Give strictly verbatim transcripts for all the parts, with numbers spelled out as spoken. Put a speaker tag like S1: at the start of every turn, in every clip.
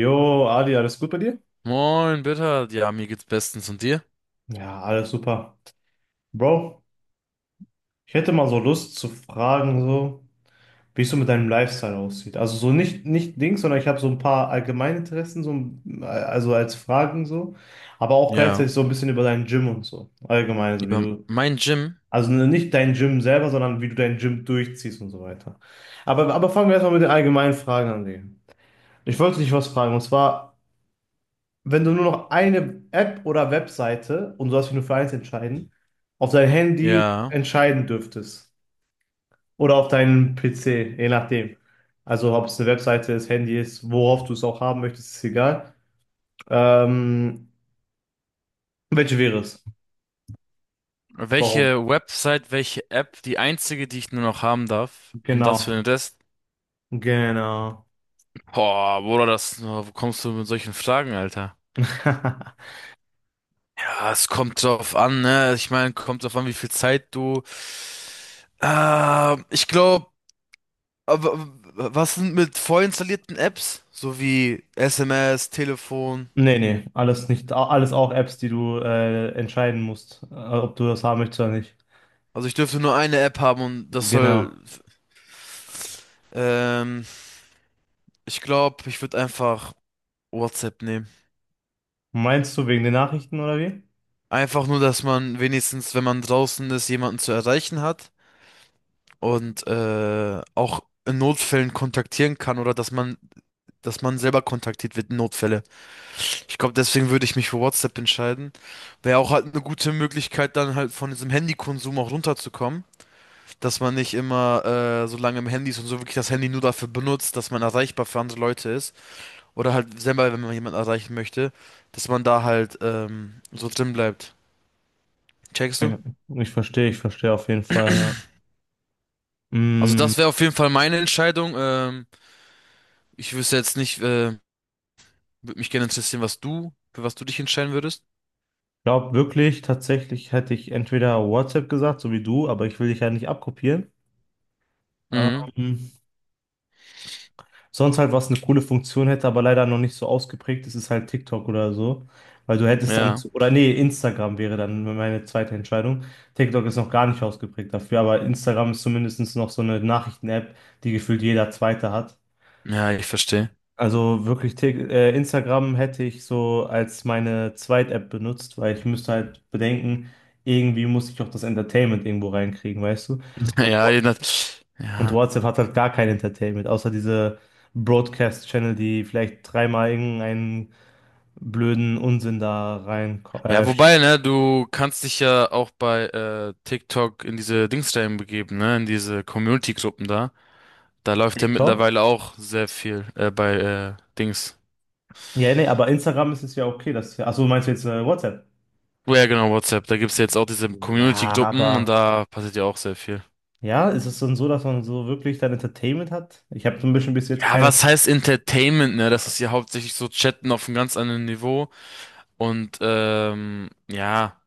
S1: Jo, Adi, alles gut bei dir?
S2: Moin, bitte. Ja, mir geht's bestens. Und dir?
S1: Ja, alles super. Bro, ich hätte mal so Lust zu fragen, so, wie es so mit deinem Lifestyle aussieht. Also so nicht, nicht Dings, sondern ich habe so ein paar Allgemeininteressen, so, ein- also als Fragen so, aber auch gleichzeitig
S2: Ja.
S1: so ein bisschen über dein Gym und so. Allgemein, so wie
S2: Über
S1: du,
S2: mein Gym?
S1: also nicht dein Gym selber, sondern wie du dein Gym durchziehst und so weiter. Aber, aber fangen wir erstmal mit den allgemeinen Fragen an, Digga. Ich wollte dich was fragen, und zwar, wenn du nur noch eine App oder Webseite, und du darfst dich nur für eins entscheiden, auf dein Handy
S2: Ja.
S1: entscheiden dürftest. Oder auf deinen P C, je nachdem. Also ob es eine Webseite ist, Handy ist, worauf du es auch haben möchtest, ist egal. Ähm, welche wäre es? Warum?
S2: Welche Website, welche App, die einzige, die ich nur noch haben darf? Und das für
S1: Genau.
S2: den Rest?
S1: Genau.
S2: Boah, Bruder, das, wo kommst du mit solchen Fragen, Alter? Ja, es kommt drauf an, ne? Ich meine, kommt drauf an, wie viel Zeit du. Äh, ich glaube, was sind mit vorinstallierten Apps? So wie S M S, Telefon.
S1: Nee, nee, alles nicht, alles auch Apps, die du äh, entscheiden musst, äh, ob du das haben möchtest oder nicht.
S2: Also ich dürfte nur eine App haben und das soll.
S1: Genau.
S2: Ähm, Ich glaube, ich würde einfach WhatsApp nehmen.
S1: Meinst du wegen den Nachrichten oder wie?
S2: Einfach nur, dass man wenigstens, wenn man draußen ist, jemanden zu erreichen hat und äh, auch in Notfällen kontaktieren kann oder dass man, dass man selber kontaktiert wird in Notfälle. Ich glaube, deswegen würde ich mich für WhatsApp entscheiden. Wäre auch halt eine gute Möglichkeit, dann halt von diesem Handykonsum auch runterzukommen, dass man nicht immer äh, so lange im Handy ist und so wirklich das Handy nur dafür benutzt, dass man erreichbar für andere Leute ist. Oder halt selber, wenn man jemanden erreichen möchte, dass man da halt ähm, so drin bleibt. Checkst du?
S1: Ja, ich verstehe, ich verstehe auf jeden Fall. Ja.
S2: Also
S1: Mm,
S2: das wäre auf jeden Fall meine Entscheidung. Ähm, ich wüsste jetzt nicht, äh, würde mich gerne interessieren, was du, für was du dich entscheiden würdest.
S1: glaub wirklich, tatsächlich hätte ich entweder WhatsApp gesagt, so wie du, aber ich will dich ja nicht abkopieren.
S2: Mhm.
S1: Ähm, sonst halt, was eine coole Funktion hätte, aber leider noch nicht so ausgeprägt ist, ist halt TikTok oder so. Weil du hättest dann,
S2: Ja.
S1: oder nee, Instagram wäre dann meine zweite Entscheidung. TikTok ist noch gar nicht ausgeprägt dafür, aber Instagram ist zumindest noch so eine Nachrichten-App, die gefühlt jeder Zweite hat.
S2: Ja, ich verstehe.
S1: Also wirklich Tik- äh, Instagram hätte ich so als meine Zweit-App benutzt, weil ich müsste halt bedenken, irgendwie muss ich auch das Entertainment irgendwo reinkriegen, weißt du? Und,
S2: Ja,
S1: Wa-
S2: je nach-
S1: und
S2: ja.
S1: WhatsApp hat halt gar kein Entertainment, außer diese Broadcast-Channel, die vielleicht dreimal irgendeinen blöden Unsinn da rein
S2: Ja,
S1: äh,
S2: wobei, ne, du kannst dich ja auch bei äh, TikTok in diese Dings reinbegeben, ne, in diese Community-Gruppen da. Da läuft ja
S1: TikTok.
S2: mittlerweile auch sehr viel äh, bei äh, Dings.
S1: Ja, nee, aber Instagram ist es ja okay, dass achso, meinst du jetzt äh, WhatsApp?
S2: Ja, genau, WhatsApp. Da gibt's jetzt auch diese
S1: Ja,
S2: Community-Gruppen und
S1: aber
S2: da passiert ja auch sehr viel.
S1: ja, ist es dann so, dass man so wirklich dann Entertainment hat? Ich habe so ein bisschen bis jetzt
S2: Ja,
S1: keine.
S2: was heißt Entertainment, ne? Das ist ja hauptsächlich so Chatten auf einem ganz anderen Niveau. Und ähm, ja.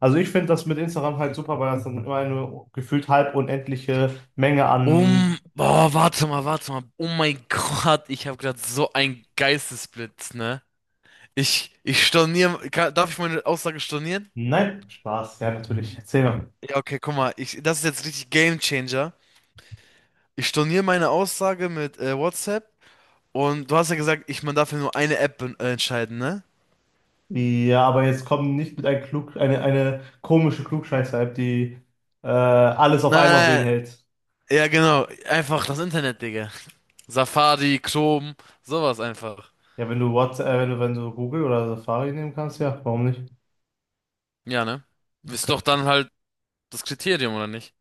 S1: Also ich finde das mit Instagram halt super, weil das dann immer eine gefühlt halb unendliche Menge an...
S2: Um. Boah, warte mal, warte mal. Oh mein Gott, ich habe gerade so einen Geistesblitz, ne? Ich, ich storniere. Kann, darf ich meine Aussage stornieren?
S1: Nein, Spaß, ja natürlich, erzähl mal.
S2: Ja, okay, guck mal, ich, das ist jetzt richtig Game Changer. Ich storniere meine Aussage mit äh, WhatsApp, und du hast ja gesagt, ich, man darf ja nur eine App ben- äh, entscheiden, ne?
S1: Ja, aber jetzt kommen nicht mit ein Klug, eine, eine komische Klugscheißer-App, die äh, alles auf einmal
S2: Nein.
S1: beinhält.
S2: Ja, genau. Einfach das Internet, Digga. Safari, Chrome, sowas einfach.
S1: Ja, wenn du WhatsApp, äh, wenn du, wenn du Google oder Safari nehmen kannst, ja, warum nicht?
S2: Ja, ne?
S1: Du
S2: Ist doch
S1: könnt-
S2: dann halt das Kriterium, oder nicht?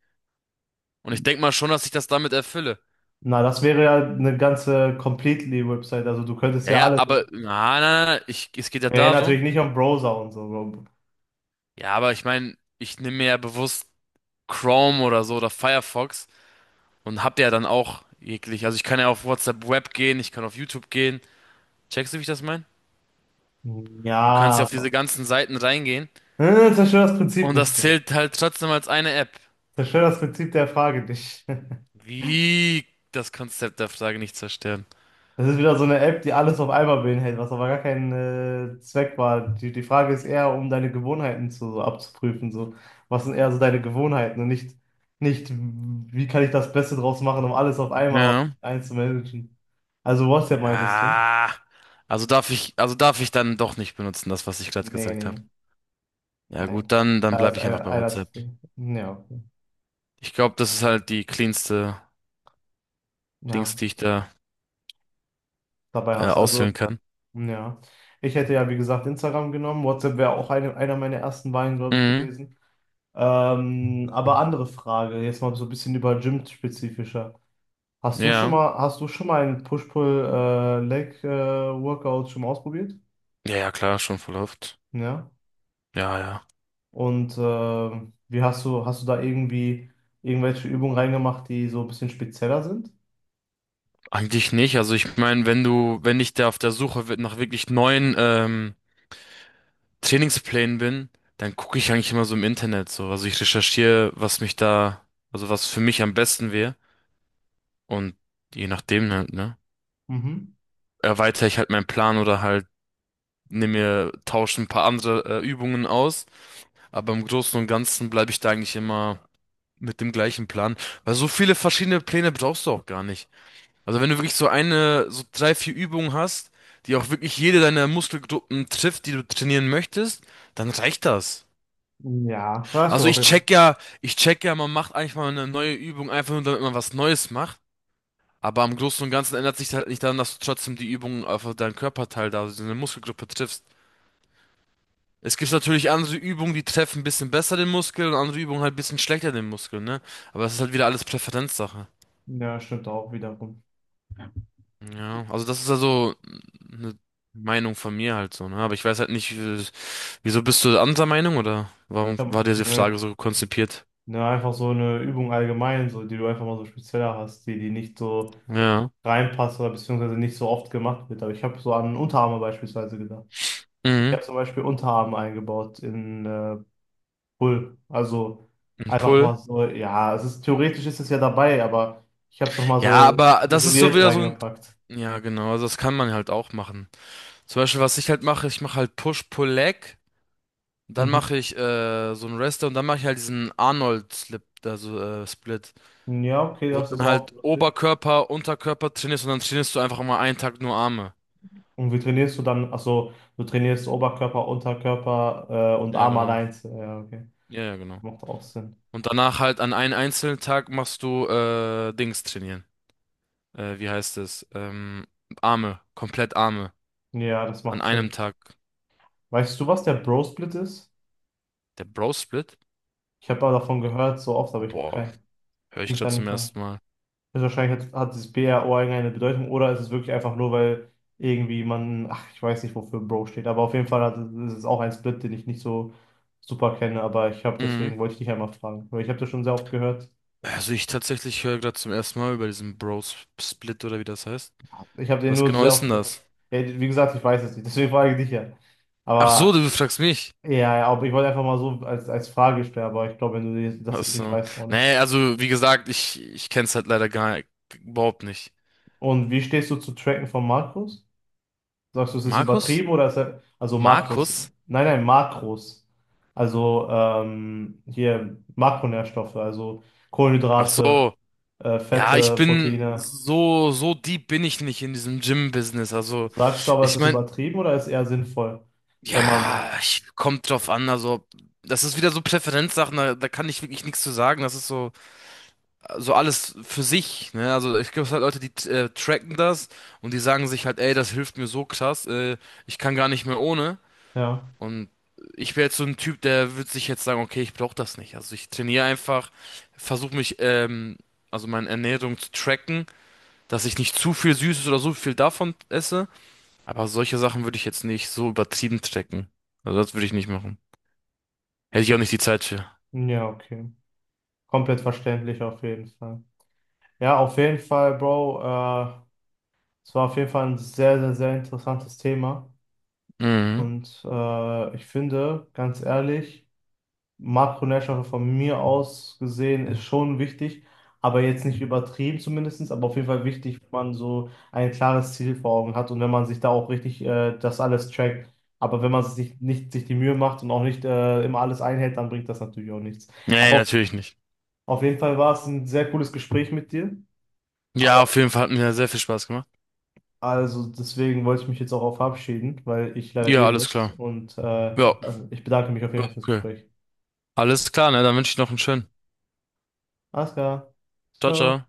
S2: Und ich denk mal schon, dass ich das damit erfülle.
S1: Na, das wäre ja eine ganze Completely-Website, also du könntest
S2: Ja,
S1: ja
S2: ja,
S1: alles.
S2: aber, na, na, na, ich, es geht ja
S1: Ja, natürlich
S2: darum.
S1: nicht am Browser und so.
S2: Ja, aber ich meine, ich nehme mir ja bewusst Chrome oder so oder Firefox und hab ja dann auch jeglich. Also ich kann ja auf WhatsApp Web gehen, ich kann auf YouTube gehen. Checkst du, wie ich das meine? Du kannst
S1: Ja,
S2: ja auf
S1: aber-
S2: diese ganzen Seiten reingehen
S1: äh, zerstör das Prinzip
S2: und
S1: nicht.
S2: das zählt halt trotzdem als eine App.
S1: Zerstör das Prinzip der Frage nicht.
S2: Wie das Konzept der Frage nicht zerstören.
S1: Das ist wieder so eine App, die alles auf einmal beinhält, was aber gar kein äh, Zweck war. Die, die Frage ist eher, um deine Gewohnheiten zu, so abzuprüfen. So. Was sind eher so deine Gewohnheiten und nicht, nicht, wie kann ich das Beste draus machen, um alles auf einmal
S2: Ja.
S1: einzumanagen. Also WhatsApp meintest du?
S2: Ja. Also darf ich, also darf ich dann doch nicht benutzen, das, was ich gerade
S1: Nee,
S2: gesagt habe.
S1: nee,
S2: Ja gut,
S1: nein.
S2: dann, dann
S1: Da ist
S2: bleibe ich einfach
S1: einer,
S2: bei
S1: einer
S2: WhatsApp.
S1: zu viel. Ja, okay.
S2: Ich glaube, das ist halt die cleanste Dings,
S1: Ja,
S2: die ich da
S1: dabei
S2: äh,
S1: hast du. Also,
S2: auswählen kann.
S1: ja. Ich hätte ja, wie gesagt, Instagram genommen. WhatsApp wäre auch eine, einer meiner ersten Wahlen, glaube ich,
S2: Mhm.
S1: gewesen. Ähm, aber andere Frage, jetzt mal so ein bisschen über Gym spezifischer. Hast du schon
S2: Ja.
S1: mal, hast du schon mal ein Push-Pull äh, Leg äh, Workout schon mal ausprobiert?
S2: Ja, ja, klar, schon voll oft.
S1: Ja.
S2: Ja, ja.
S1: Und ähm, wie hast du, hast du da irgendwie irgendwelche Übungen reingemacht, die so ein bisschen spezieller sind?
S2: Eigentlich nicht. Also ich meine, wenn du, wenn ich da auf der Suche wi- nach wirklich neuen ähm, Trainingsplänen bin, dann gucke ich eigentlich immer so im Internet so. Also ich recherchiere, was mich da, also was für mich am besten wäre. Und je nachdem halt, ne?
S1: Mhm.
S2: Erweitere ich halt meinen Plan oder halt nehme mir, tausche ein paar andere äh, Übungen aus. Aber im Großen und Ganzen bleibe ich da eigentlich immer mit dem gleichen Plan. Weil so viele verschiedene Pläne brauchst du auch gar nicht. Also wenn du wirklich so eine, so drei, vier Übungen hast, die auch wirklich jede deiner Muskelgruppen trifft, die du trainieren möchtest, dann reicht das.
S1: Ja, hast du
S2: Also
S1: auf
S2: ich
S1: jeden Fall.
S2: check ja, ich check ja, man macht eigentlich mal eine neue Übung, einfach nur damit man was Neues macht. Aber im Großen und Ganzen ändert sich halt nicht daran, dass du trotzdem die Übung auf deinen Körperteil da, also deine Muskelgruppe triffst. Es gibt natürlich andere Übungen, die treffen ein bisschen besser den Muskel und andere Übungen halt ein bisschen schlechter den Muskel, ne? Aber das ist halt wieder alles Präferenzsache.
S1: Ja, stimmt auch wiederum.
S2: Ja, also das ist also eine Meinung von mir halt so, ne? Aber ich weiß halt nicht, wie- wieso bist du anderer Meinung oder warum
S1: Ja,
S2: war dir diese Frage
S1: ne,
S2: so konzipiert?
S1: ne, einfach so eine Übung allgemein, so die du einfach mal so spezieller hast, die, die nicht so
S2: Ja.
S1: reinpasst oder beziehungsweise nicht so oft gemacht wird. Aber ich habe so an Unterarme beispielsweise gedacht. Ich
S2: Mhm.
S1: habe zum Beispiel Unterarme eingebaut in äh, Pull. Also
S2: Ein
S1: einfach mal
S2: Pull.
S1: so, ja, es ist theoretisch ist es ja dabei, aber ich habe es nochmal
S2: Ja,
S1: so
S2: aber das ist so
S1: isoliert
S2: wieder so ein.
S1: reingepackt.
S2: Ja, genau, also das kann man halt auch machen. Zum Beispiel, was ich halt mache, ich mache halt Push-Pull-Leg, dann
S1: Mhm.
S2: mache ich äh, so einen Rest Day und dann mache ich halt diesen Arnold-Slip, also äh, Split.
S1: Ja, okay,
S2: Wo
S1: das
S2: du
S1: ist
S2: dann
S1: auch
S2: halt
S1: lustig.
S2: Oberkörper, Unterkörper trainierst und dann trainierst du einfach mal einen Tag nur Arme.
S1: Und wie trainierst du dann? Achso, du trainierst Oberkörper, Unterkörper äh, und
S2: Ja,
S1: Arm
S2: genau.
S1: allein. Ja, okay.
S2: Ja, ja, genau.
S1: Macht auch Sinn.
S2: Und danach halt an einem einzelnen Tag machst du äh, Dings trainieren. Äh, wie heißt es? Ähm, Arme, komplett Arme.
S1: Ja, das
S2: An
S1: macht
S2: einem
S1: Sinn.
S2: Tag.
S1: Weißt du, was der Bro-Split ist?
S2: Der Bro-Split?
S1: Ich habe aber davon gehört, so oft, aber ich habe
S2: Boah,
S1: keinen.
S2: höre
S1: Ich kann
S2: ich
S1: mich da
S2: gerade zum
S1: nicht sagen.
S2: ersten Mal.
S1: Also wahrscheinlich hat, hat dieses B R O irgendeine Bedeutung oder ist es wirklich einfach nur, weil irgendwie man, ach, ich weiß nicht, wofür Bro steht, aber auf jeden Fall hat, ist es auch ein Split, den ich nicht so super kenne, aber ich habe deswegen
S2: Mhm.
S1: wollte ich dich einmal fragen, weil ich habe das schon sehr oft gehört.
S2: Also ich tatsächlich höre gerade zum ersten Mal über diesen Bros Split oder wie das heißt.
S1: Ich habe den
S2: Was
S1: nur
S2: genau
S1: sehr
S2: ist denn
S1: oft gehört.
S2: das?
S1: Ja, wie gesagt, ich weiß es nicht, deswegen frage ich dich ja.
S2: Ach so,
S1: Aber
S2: du fragst mich.
S1: ja, ja, aber ich wollte einfach mal so als, als Frage stellen, aber ich glaube, wenn du das
S2: Ach
S1: jetzt nicht
S2: so.
S1: weißt, auch nicht.
S2: Nee, also wie gesagt, ich, ich kenn's halt leider gar überhaupt nicht.
S1: Und wie stehst du zu Tracken von Markus? Sagst du, es ist
S2: Markus?
S1: übertrieben oder ist er, also Makros?
S2: Markus?
S1: Nein, nein, Makros. Also ähm, hier Makronährstoffe, also
S2: Ach
S1: Kohlenhydrate,
S2: so.
S1: äh,
S2: Ja, ich
S1: Fette,
S2: bin
S1: Proteine.
S2: so, so deep bin ich nicht in diesem Gym-Business. Also,
S1: Sagst du aber, es
S2: ich
S1: ist
S2: mein,
S1: übertrieben oder ist eher sinnvoll, wenn man
S2: ja,
S1: so?
S2: ich kommt drauf an. Also, das ist wieder so Präferenzsachen, da, da kann ich wirklich nichts zu sagen. Das ist so. So alles für sich, ne? Also ich glaube, es halt Leute, die äh, tracken das und die sagen sich halt, ey, das hilft mir so krass, äh, ich kann gar nicht mehr ohne.
S1: Ja,
S2: Und ich wäre jetzt so ein Typ, der würde sich jetzt sagen, okay, ich brauche das nicht. Also ich trainiere einfach, versuche mich, ähm, also meine Ernährung zu tracken, dass ich nicht zu viel Süßes oder so viel davon esse. Aber solche Sachen würde ich jetzt nicht so übertrieben tracken. Also das würde ich nicht machen. Hätte ich auch nicht die Zeit für.
S1: ja, okay. Komplett verständlich auf jeden Fall. Ja, auf jeden Fall, Bro. Äh, es war auf jeden Fall ein sehr, sehr, sehr interessantes Thema.
S2: Mhm.
S1: Und äh, ich finde, ganz ehrlich, Makronährstoffe von mir aus gesehen ist schon wichtig, aber jetzt nicht übertrieben zumindest, aber auf jeden Fall wichtig, wenn man so ein klares Ziel vor Augen hat und wenn man sich da auch richtig äh, das alles trackt. Aber wenn man sich nicht sich die Mühe macht und auch nicht äh, immer alles einhält, dann bringt das natürlich auch nichts.
S2: Nee,
S1: Aber auf
S2: natürlich nicht.
S1: auf jeden Fall war es ein sehr cooles Gespräch mit dir.
S2: Ja,
S1: Aber
S2: auf jeden Fall hat mir sehr viel Spaß gemacht.
S1: also deswegen wollte ich mich jetzt auch auf verabschieden, weil ich leider
S2: Ja,
S1: gehen
S2: alles
S1: muss.
S2: klar.
S1: Und äh,
S2: Ja,
S1: ich bedanke mich auf jeden Fall fürs
S2: okay.
S1: Gespräch.
S2: Alles klar, ne? Dann wünsche ich noch einen schönen.
S1: Alles klar.
S2: Ciao,
S1: Ciao.
S2: ciao.